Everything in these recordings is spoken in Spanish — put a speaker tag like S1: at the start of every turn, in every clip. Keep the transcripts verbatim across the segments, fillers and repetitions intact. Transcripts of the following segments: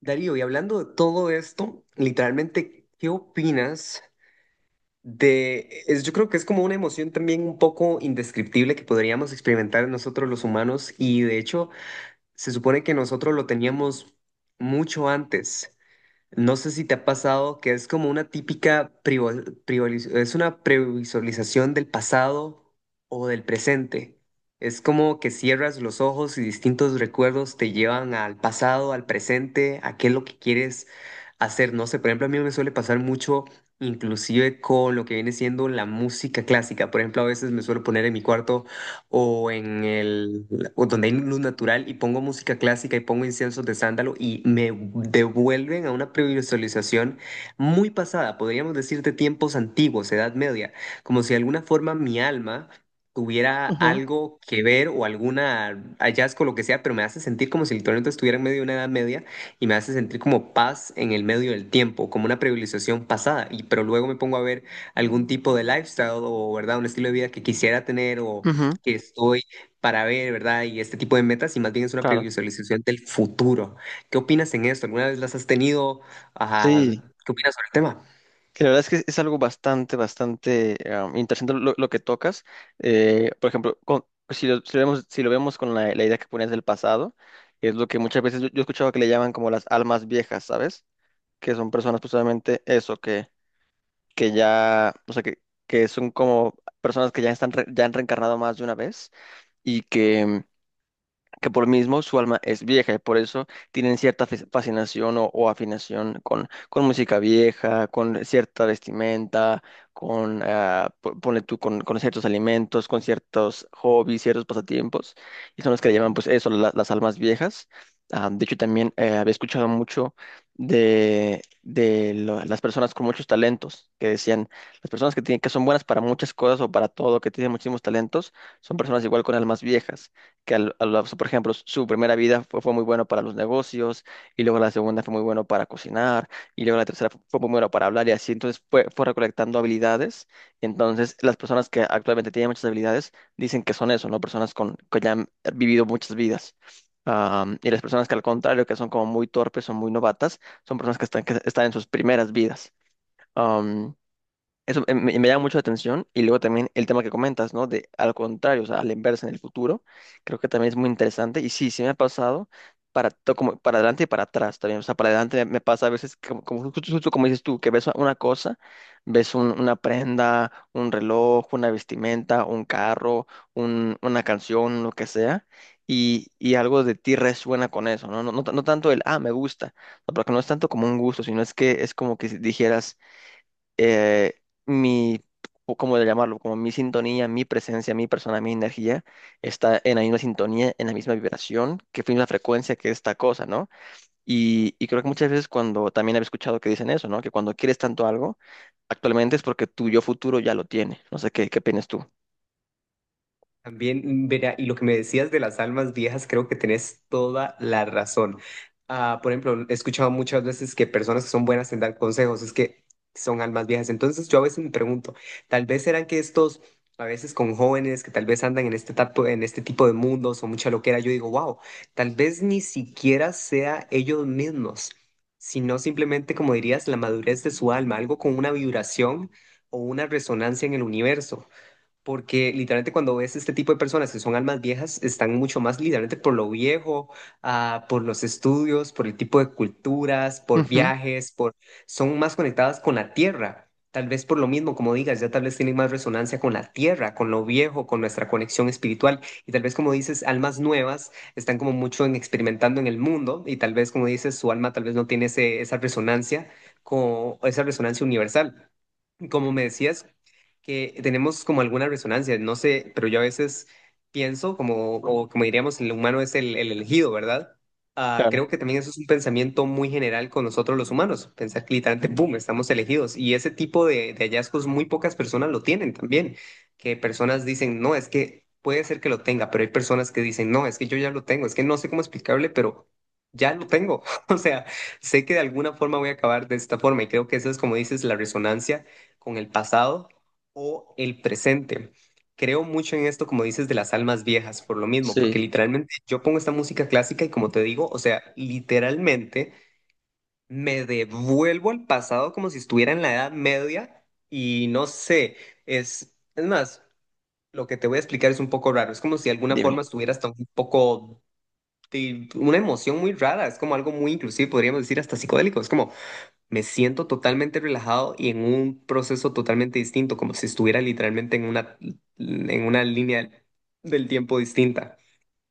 S1: Darío, y hablando de todo esto, literalmente, ¿qué opinas de, es, yo creo que es como una emoción también un poco indescriptible que podríamos experimentar nosotros los humanos y de hecho se supone que nosotros lo teníamos mucho antes. No sé si te ha pasado que es como una típica privo- privoliz- es una previsualización del pasado o del presente. Es como que cierras los ojos y distintos recuerdos te llevan al pasado, al presente, a qué es lo que quieres hacer. No sé, por ejemplo, a mí me suele pasar mucho, inclusive con lo que viene siendo la música clásica. Por ejemplo, a veces me suelo poner en mi cuarto o en el, o donde hay luz natural y pongo música clásica y pongo inciensos de sándalo y me devuelven a una previsualización muy pasada, podríamos decir de tiempos antiguos, Edad Media, como si de alguna forma mi alma tuviera
S2: Ujú,
S1: algo que ver o alguna hallazgo, lo que sea, pero me hace sentir como si literalmente estuviera en medio de una edad media y me hace sentir como paz en el medio del tiempo, como una privilegiación pasada, y pero luego me pongo a ver algún tipo de lifestyle o, ¿verdad?, un estilo de vida que quisiera tener o
S2: ujú,
S1: que estoy para ver, ¿verdad? Y este tipo de metas, y más bien es una
S2: claro.
S1: previsualización del futuro. ¿Qué opinas en esto? ¿Alguna vez las has tenido? Ajá,
S2: Sí,
S1: ¿qué opinas sobre el tema?
S2: que la verdad es que es algo bastante, bastante um, interesante lo, lo que tocas. Eh, por ejemplo, con- pues, si lo, si lo vemos, si lo vemos con la, la idea que ponías del pasado, es lo que muchas veces yo, yo he escuchado que le llaman como las almas viejas, ¿sabes? Que son personas precisamente eso, que, que ya, o sea, que, que son como personas que ya, están re- ya han reencarnado más de una vez, y que que por mismo su alma es vieja y por eso tienen cierta fas- fascinación o, o afinación con, con música vieja, con cierta vestimenta, con, ah, po- ponle tú, con, con ciertos alimentos, con ciertos hobbies, ciertos pasatiempos, y son los que le llaman pues eso, la- las almas viejas. Ah, de hecho, también eh, había escuchado mucho de, de lo- las personas con muchos talentos, que decían, las personas que tienen, que son buenas para muchas cosas o para todo, que tienen muchísimos talentos, son personas igual con almas viejas que al- al- o sea, por ejemplo, su primera vida fue, fue muy bueno para los negocios, y luego la segunda fue muy bueno para cocinar, y luego la tercera fu- fue, muy bueno para hablar, y así, entonces fue, fue recolectando habilidades. Entonces, las personas que actualmente tienen muchas habilidades dicen que son eso, ¿no? Personas con, que ya han vivido muchas vidas. Am, y las personas que al contrario, que son como muy torpes o muy novatas, son personas que están, que están en sus primeras vidas. Eso eh, me, me llama mucho la atención, y luego también el tema que comentas, ¿no? De al contrario, o sea, a la inversa en el futuro, creo que también es muy interesante, y sí, sí me ha pasado para to- como para adelante y para atrás también, o sea, para adelante me, me pasa a veces como, como justo, justo como dices tú, que ves una cosa, ves un- una prenda, un reloj, una vestimenta, un carro, un- una canción, lo que sea. Y, y algo de ti resuena con eso, ¿no? No, no, no tanto el, ah, me gusta, no, porque no es tanto como un gusto, sino es que es como que si dijeras, eh, mi, o ¿cómo de llamarlo? Como mi sintonía, mi presencia, mi persona, mi energía está en la misma sintonía, en la misma vibración, que fue la frecuencia que esta cosa, ¿no? Y, y creo que muchas veces cuando también había escuchado que dicen eso, ¿no? Que cuando quieres tanto algo, actualmente es porque tu yo futuro ya lo tiene. No sé qué, qué opinas tú.
S1: También, verá, y lo que me decías de las almas viejas, creo que tenés toda la razón. Ah, por ejemplo, he escuchado muchas veces que personas que son buenas en dar consejos es que son almas viejas. Entonces yo a veces me pregunto, tal vez serán que estos, a veces con jóvenes que tal vez andan en este, tapo- en este tipo de mundos o mucha loquera, yo digo, wow, tal vez ni siquiera sea ellos mismos, sino simplemente, como dirías, la madurez de su alma, algo con una vibración o una resonancia en el universo. Porque literalmente cuando ves este tipo de personas que son almas viejas, están mucho más literalmente por lo viejo, ah, por los estudios, por el tipo de culturas, por
S2: Ujú.
S1: viajes, por son más conectadas con la tierra. Tal vez por lo mismo, como digas, ya tal vez tienen más resonancia con la tierra, con lo viejo, con nuestra conexión espiritual. Y tal vez, como dices, almas nuevas están como mucho en experimentando en el mundo y tal vez, como dices, su alma tal vez no tiene ese- esa resonancia, con, esa resonancia universal. Como me decías, que tenemos como alguna resonancia, no sé, pero yo a veces pienso como, o como diríamos, el humano es el, el elegido, ¿verdad? Ah,
S2: Claro.
S1: creo que también eso es un pensamiento muy general con nosotros los humanos, pensar que literalmente, boom, estamos elegidos. Y ese tipo de, de hallazgos muy pocas personas lo tienen también, que personas dicen, no, es que puede ser que lo tenga, pero hay personas que dicen, no, es que yo ya lo tengo, es que no sé cómo explicarle, pero ya lo tengo. O sea, sé que de alguna forma voy a acabar de esta forma y creo que eso es como dices, la resonancia con el pasado o el presente. Creo mucho en esto, como dices, de las almas viejas, por lo mismo, porque
S2: Sí,
S1: literalmente yo pongo esta música clásica y como te digo, o sea, literalmente me devuelvo al pasado como si estuviera en la Edad Media y no sé, es, es más, lo que te voy a explicar es un poco raro, es como si de alguna
S2: dime.
S1: forma estuviera hasta un poco de una emoción muy rara, es como algo muy inclusive, podríamos decir, hasta psicodélico, es como me siento totalmente relajado y en un proceso totalmente distinto, como si estuviera literalmente en una, en una línea del tiempo distinta.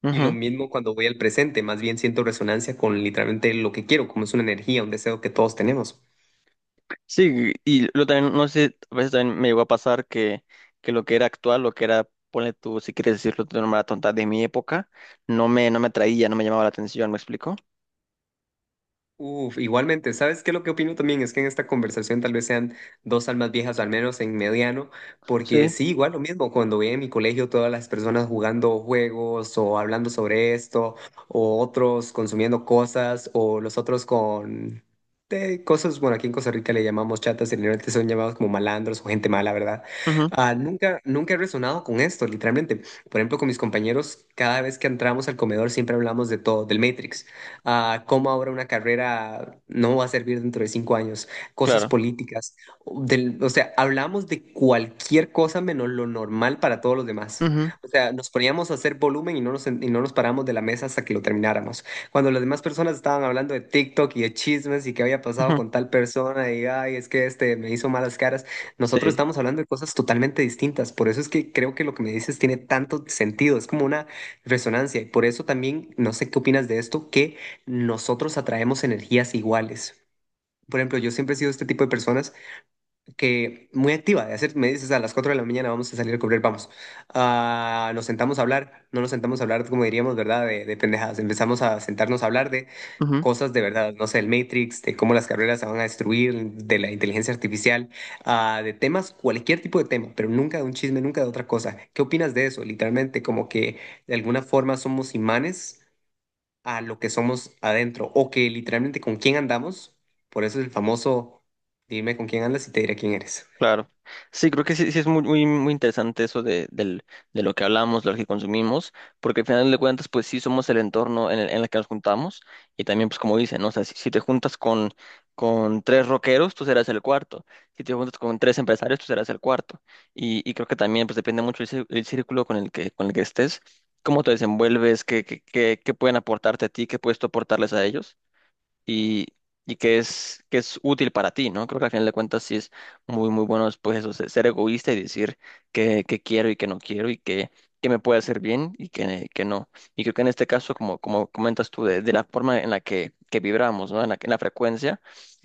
S1: Y lo mismo cuando voy al presente, más bien siento resonancia con literalmente lo que quiero, como es una energía, un deseo que todos tenemos.
S2: Sí, y lo también, no sé, a veces también me llegó a pasar que, que lo que era actual, lo que era, ponle tú, si quieres decirlo de una manera tonta, de mi época, no me, no me atraía, no me llamaba la atención, ¿me explico?
S1: Uf, igualmente, ¿sabes qué? Lo que opino también es que en esta conversación tal vez sean dos almas viejas, o al menos en mediano, porque
S2: Sí,
S1: sí, igual lo mismo, cuando veía en mi colegio todas las personas jugando juegos o hablando sobre esto, o otros consumiendo cosas, o los otros con eh, cosas, bueno, aquí en Costa Rica le llamamos chatas, y realmente son llamados como malandros o gente mala, ¿verdad?
S2: ujú,
S1: Ah, nunca, nunca he resonado con esto, literalmente. Por ejemplo, con mis compañeros, cada vez que entramos al comedor siempre hablamos de todo, del Matrix a cómo ahora una carrera no va a servir dentro de cinco años, cosas
S2: claro.
S1: políticas, del- o sea, hablamos de cualquier cosa menos lo normal para todos los demás.
S2: Ujú,
S1: O sea, nos poníamos a hacer volumen y no nos, en- y no nos paramos de la mesa hasta que lo termináramos. Cuando las demás personas estaban hablando de TikTok y de chismes y qué había pasado
S2: ujú,
S1: con tal persona y, ay, es que este me hizo malas caras, nosotros
S2: sí.
S1: estamos hablando de cosas totalmente distintas. Por eso es que creo que lo que me dices tiene tanto sentido, es como una resonancia. Y por eso también, no sé qué opinas de esto, que nosotros atraemos energías iguales. Por ejemplo, yo siempre he sido este tipo de personas que muy activa, de hacer, me dices a las cuatro de la mañana vamos a salir a correr, vamos. Ah, nos sentamos a hablar, no nos sentamos a hablar como diríamos, ¿verdad? De, de pendejadas, empezamos a sentarnos a hablar de cosas de verdad, no sé, el Matrix, de cómo las carreras se van a destruir, de la inteligencia artificial, ah, de temas, cualquier tipo de tema, pero nunca de un chisme, nunca de otra cosa. ¿Qué opinas de eso? Literalmente, como que de alguna forma somos imanes a lo que somos adentro o que literalmente con quién andamos. Por eso es el famoso, dime con quién andas y te diré quién eres.
S2: Claro. Sí, creo que sí, sí es muy, muy, muy interesante eso de, del- de lo que hablamos, de lo que consumimos, porque al final de cuentas, pues sí somos el entorno en el, en el que nos juntamos, y también, pues como dicen, ¿no? O sea, si, si te juntas con, con tres rockeros, tú serás el cuarto. Si te juntas con tres empresarios, tú serás el cuarto. Y, y creo que también, pues depende mucho el, cí- el círculo con el que, con el que estés, cómo te desenvuelves, qué, qué, qué, qué pueden aportarte a ti, qué puedes tú aportarles a ellos, y, y que es, que es útil para ti, ¿no? Creo que al final de cuentas sí es muy, muy bueno después eso, se- ser egoísta y decir que que quiero y que no quiero, y que que me puede hacer bien y que que no. Y creo que en este caso, como, como, comentas tú, de, de la forma en la que, que vibramos, ¿no? En la, en la frecuencia.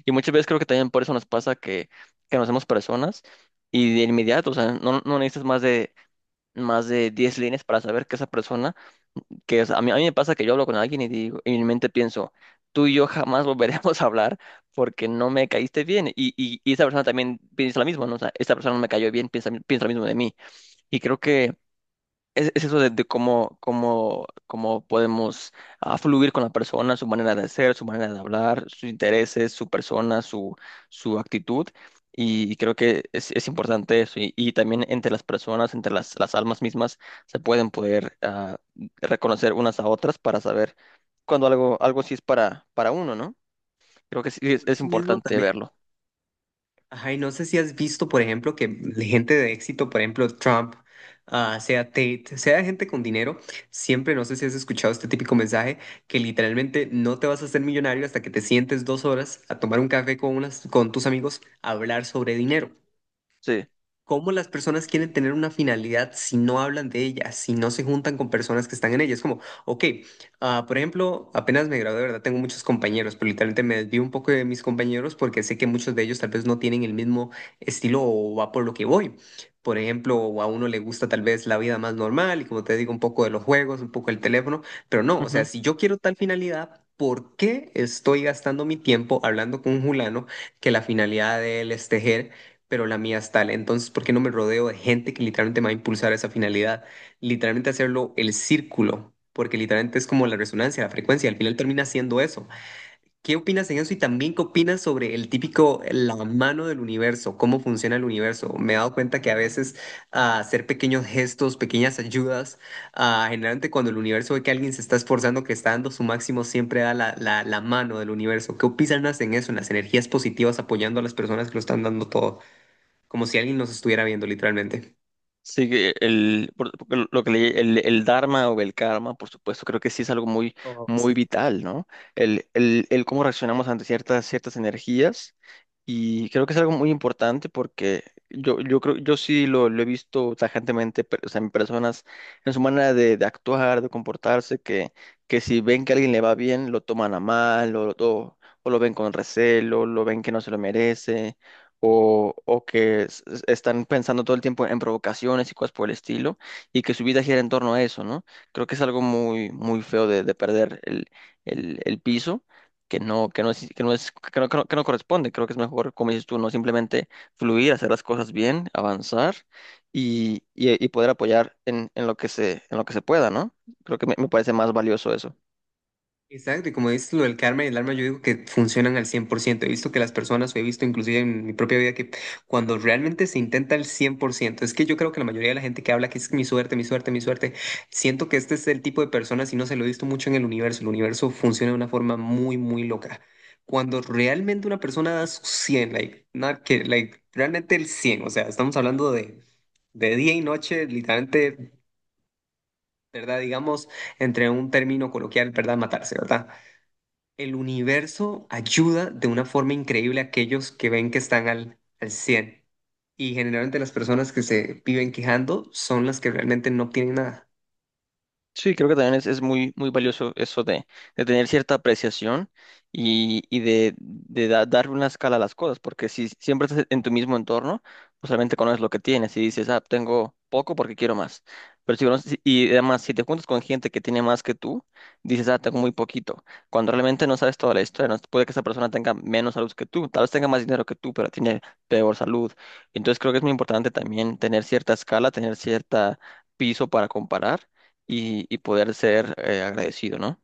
S2: Y muchas veces creo que también por eso nos pasa que, que nos hacemos personas y de inmediato, o sea, no, no necesitas más de, más de diez líneas para saber que esa persona que es- a mí, a mí me pasa que yo hablo con alguien y digo, y en mi mente pienso, tú y yo jamás volveremos a hablar porque no me caíste bien. Y, y, y esa persona también piensa lo mismo, ¿no? O sea, esta persona no me cayó bien, piensa, piensa lo mismo de mí. Y creo que es, es eso de, de cómo, cómo, cómo podemos ah, fluir con la persona, su manera de ser, su manera de hablar, sus intereses, su persona, su, su actitud. Y creo que es, es importante eso. Y, y también entre las personas, entre las, las almas mismas, se pueden poder ah, reconocer unas a otras para saber cuando algo, algo sí es para, para uno, ¿no? Creo que sí es,
S1: Por
S2: es
S1: eso mismo
S2: importante
S1: también,
S2: verlo.
S1: ajá, y no sé si has visto, por ejemplo, que la gente de éxito, por ejemplo, Trump, ah, sea Tate, sea gente con dinero, siempre, no sé si has escuchado este típico mensaje, que literalmente no te vas a hacer millonario hasta que te sientes dos horas a tomar un café con, unas, con tus amigos a hablar sobre dinero.
S2: Sí.
S1: ¿Cómo las personas quieren tener una finalidad si no hablan de ella, si no se juntan con personas que están en ella? Es como, ok, ah, por ejemplo, apenas me gradué, de verdad, tengo muchos compañeros, pero literalmente me desvío un poco de mis compañeros porque sé que muchos de ellos tal vez no tienen el mismo estilo o va por lo que voy. Por ejemplo, a uno le gusta tal vez la vida más normal y como te digo, un poco de los juegos, un poco el teléfono, pero no, o sea, si yo quiero tal finalidad, ¿por qué estoy gastando mi tiempo hablando con un fulano que la finalidad de él es tejer? Pero la mía es tal. Entonces, ¿por qué no me rodeo de gente que literalmente me va a impulsar a esa finalidad? Literalmente hacerlo el círculo, porque literalmente es como la resonancia, la frecuencia, al final termina siendo eso. ¿Qué opinas en eso? Y también, ¿qué opinas sobre el típico, la mano del universo? ¿Cómo funciona el universo? Me he dado cuenta que a veces ah, hacer pequeños gestos, pequeñas ayudas, ah, generalmente cuando el universo ve que alguien se está esforzando, que está dando su máximo, siempre da la, la, la mano del universo. ¿Qué opinas en eso, en las energías positivas apoyando a las personas que lo están dando todo? Como si alguien nos estuviera viendo literalmente.
S2: Sí, que el, por- porque lo que le- el, el dharma o el karma, por supuesto, creo que sí es algo muy,
S1: Oh,
S2: muy
S1: sí.
S2: vital, ¿no? El, el, el cómo reaccionamos ante ciertas, ciertas energías. Y creo que es algo muy importante porque yo, yo creo, yo sí lo, lo he visto tajantemente, pe- o sea, en personas, en su manera de, de actuar, de comportarse, que, que si ven que a alguien le va bien, lo toman a mal, o, o, o lo ven con recelo, lo ven que no se lo merece, o, o que s- s- están pensando todo el tiempo en provocaciones y cosas por el estilo, y que su vida gira en torno a eso, ¿no? Creo que es algo muy, muy feo de, de perder el, el, el piso que no, que no es, que no es, que no, que no, que no corresponde. Creo que es mejor, como dices tú, no simplemente fluir, hacer las cosas bien, avanzar, y, y- y poder apoyar en, en lo que se, en lo que se pueda, ¿no? Creo que me, me parece más valioso eso.
S1: Exacto, y como dices lo del karma y el alma, yo digo que funcionan al cien por ciento. He visto que las personas, o he visto inclusive en mi propia vida, que cuando realmente se intenta al cien por ciento es que yo creo que la mayoría de la gente que habla que es mi suerte, mi suerte, mi suerte, siento que este es el tipo de personas, y no se lo he visto mucho en el universo, el universo funciona de una forma muy, muy loca. Cuando realmente una persona da su cien like, not que, like, realmente el cien o sea, estamos hablando de, de día y noche, literalmente ¿verdad? Digamos, entre un término coloquial, ¿verdad? Matarse, ¿verdad? El universo ayuda de una forma increíble a aquellos que ven que están al, al cien. Y generalmente las personas que se viven quejando son las que realmente no tienen nada.
S2: Sí, creo que también es, es muy, muy valioso eso de, de tener cierta apreciación, y, y de, de da- dar una escala a las cosas, porque si siempre estás en tu mismo entorno, pues solamente conoces lo que tienes y dices, ah, tengo poco porque quiero más. Pero si, conoces- y además, si te juntas con gente que tiene más que tú, dices, ah, tengo muy poquito, cuando realmente no sabes toda la historia, no, puede que esa persona tenga menos salud que tú, tal vez tenga más dinero que tú, pero tiene peor salud. Entonces creo que es muy importante también tener cierta escala, tener cierta piso para comparar, y, y poder ser eh, agradecido, ¿no?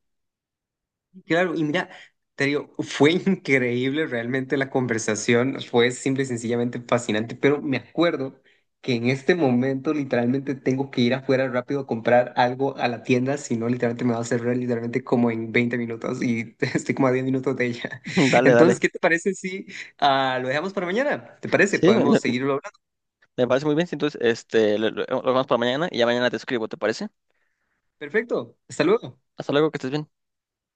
S1: Claro, y mira, te digo, fue increíble realmente la conversación, fue simple y sencillamente fascinante, pero me acuerdo que en este momento literalmente tengo que ir afuera rápido a comprar algo a la tienda, si no literalmente me va a cerrar literalmente como en veinte minutos y estoy como a diez minutos de ella.
S2: Dale,
S1: Entonces,
S2: dale.
S1: ¿qué te parece si ah, lo dejamos para mañana? ¿Te parece?
S2: Sí, me, me-
S1: Podemos seguirlo hablando.
S2: me parece muy bien. Sí, entonces, este, lo, lo- lo vamos para mañana, y ya mañana te escribo, ¿te parece?
S1: Perfecto, hasta luego.
S2: Hasta luego, que estés bien.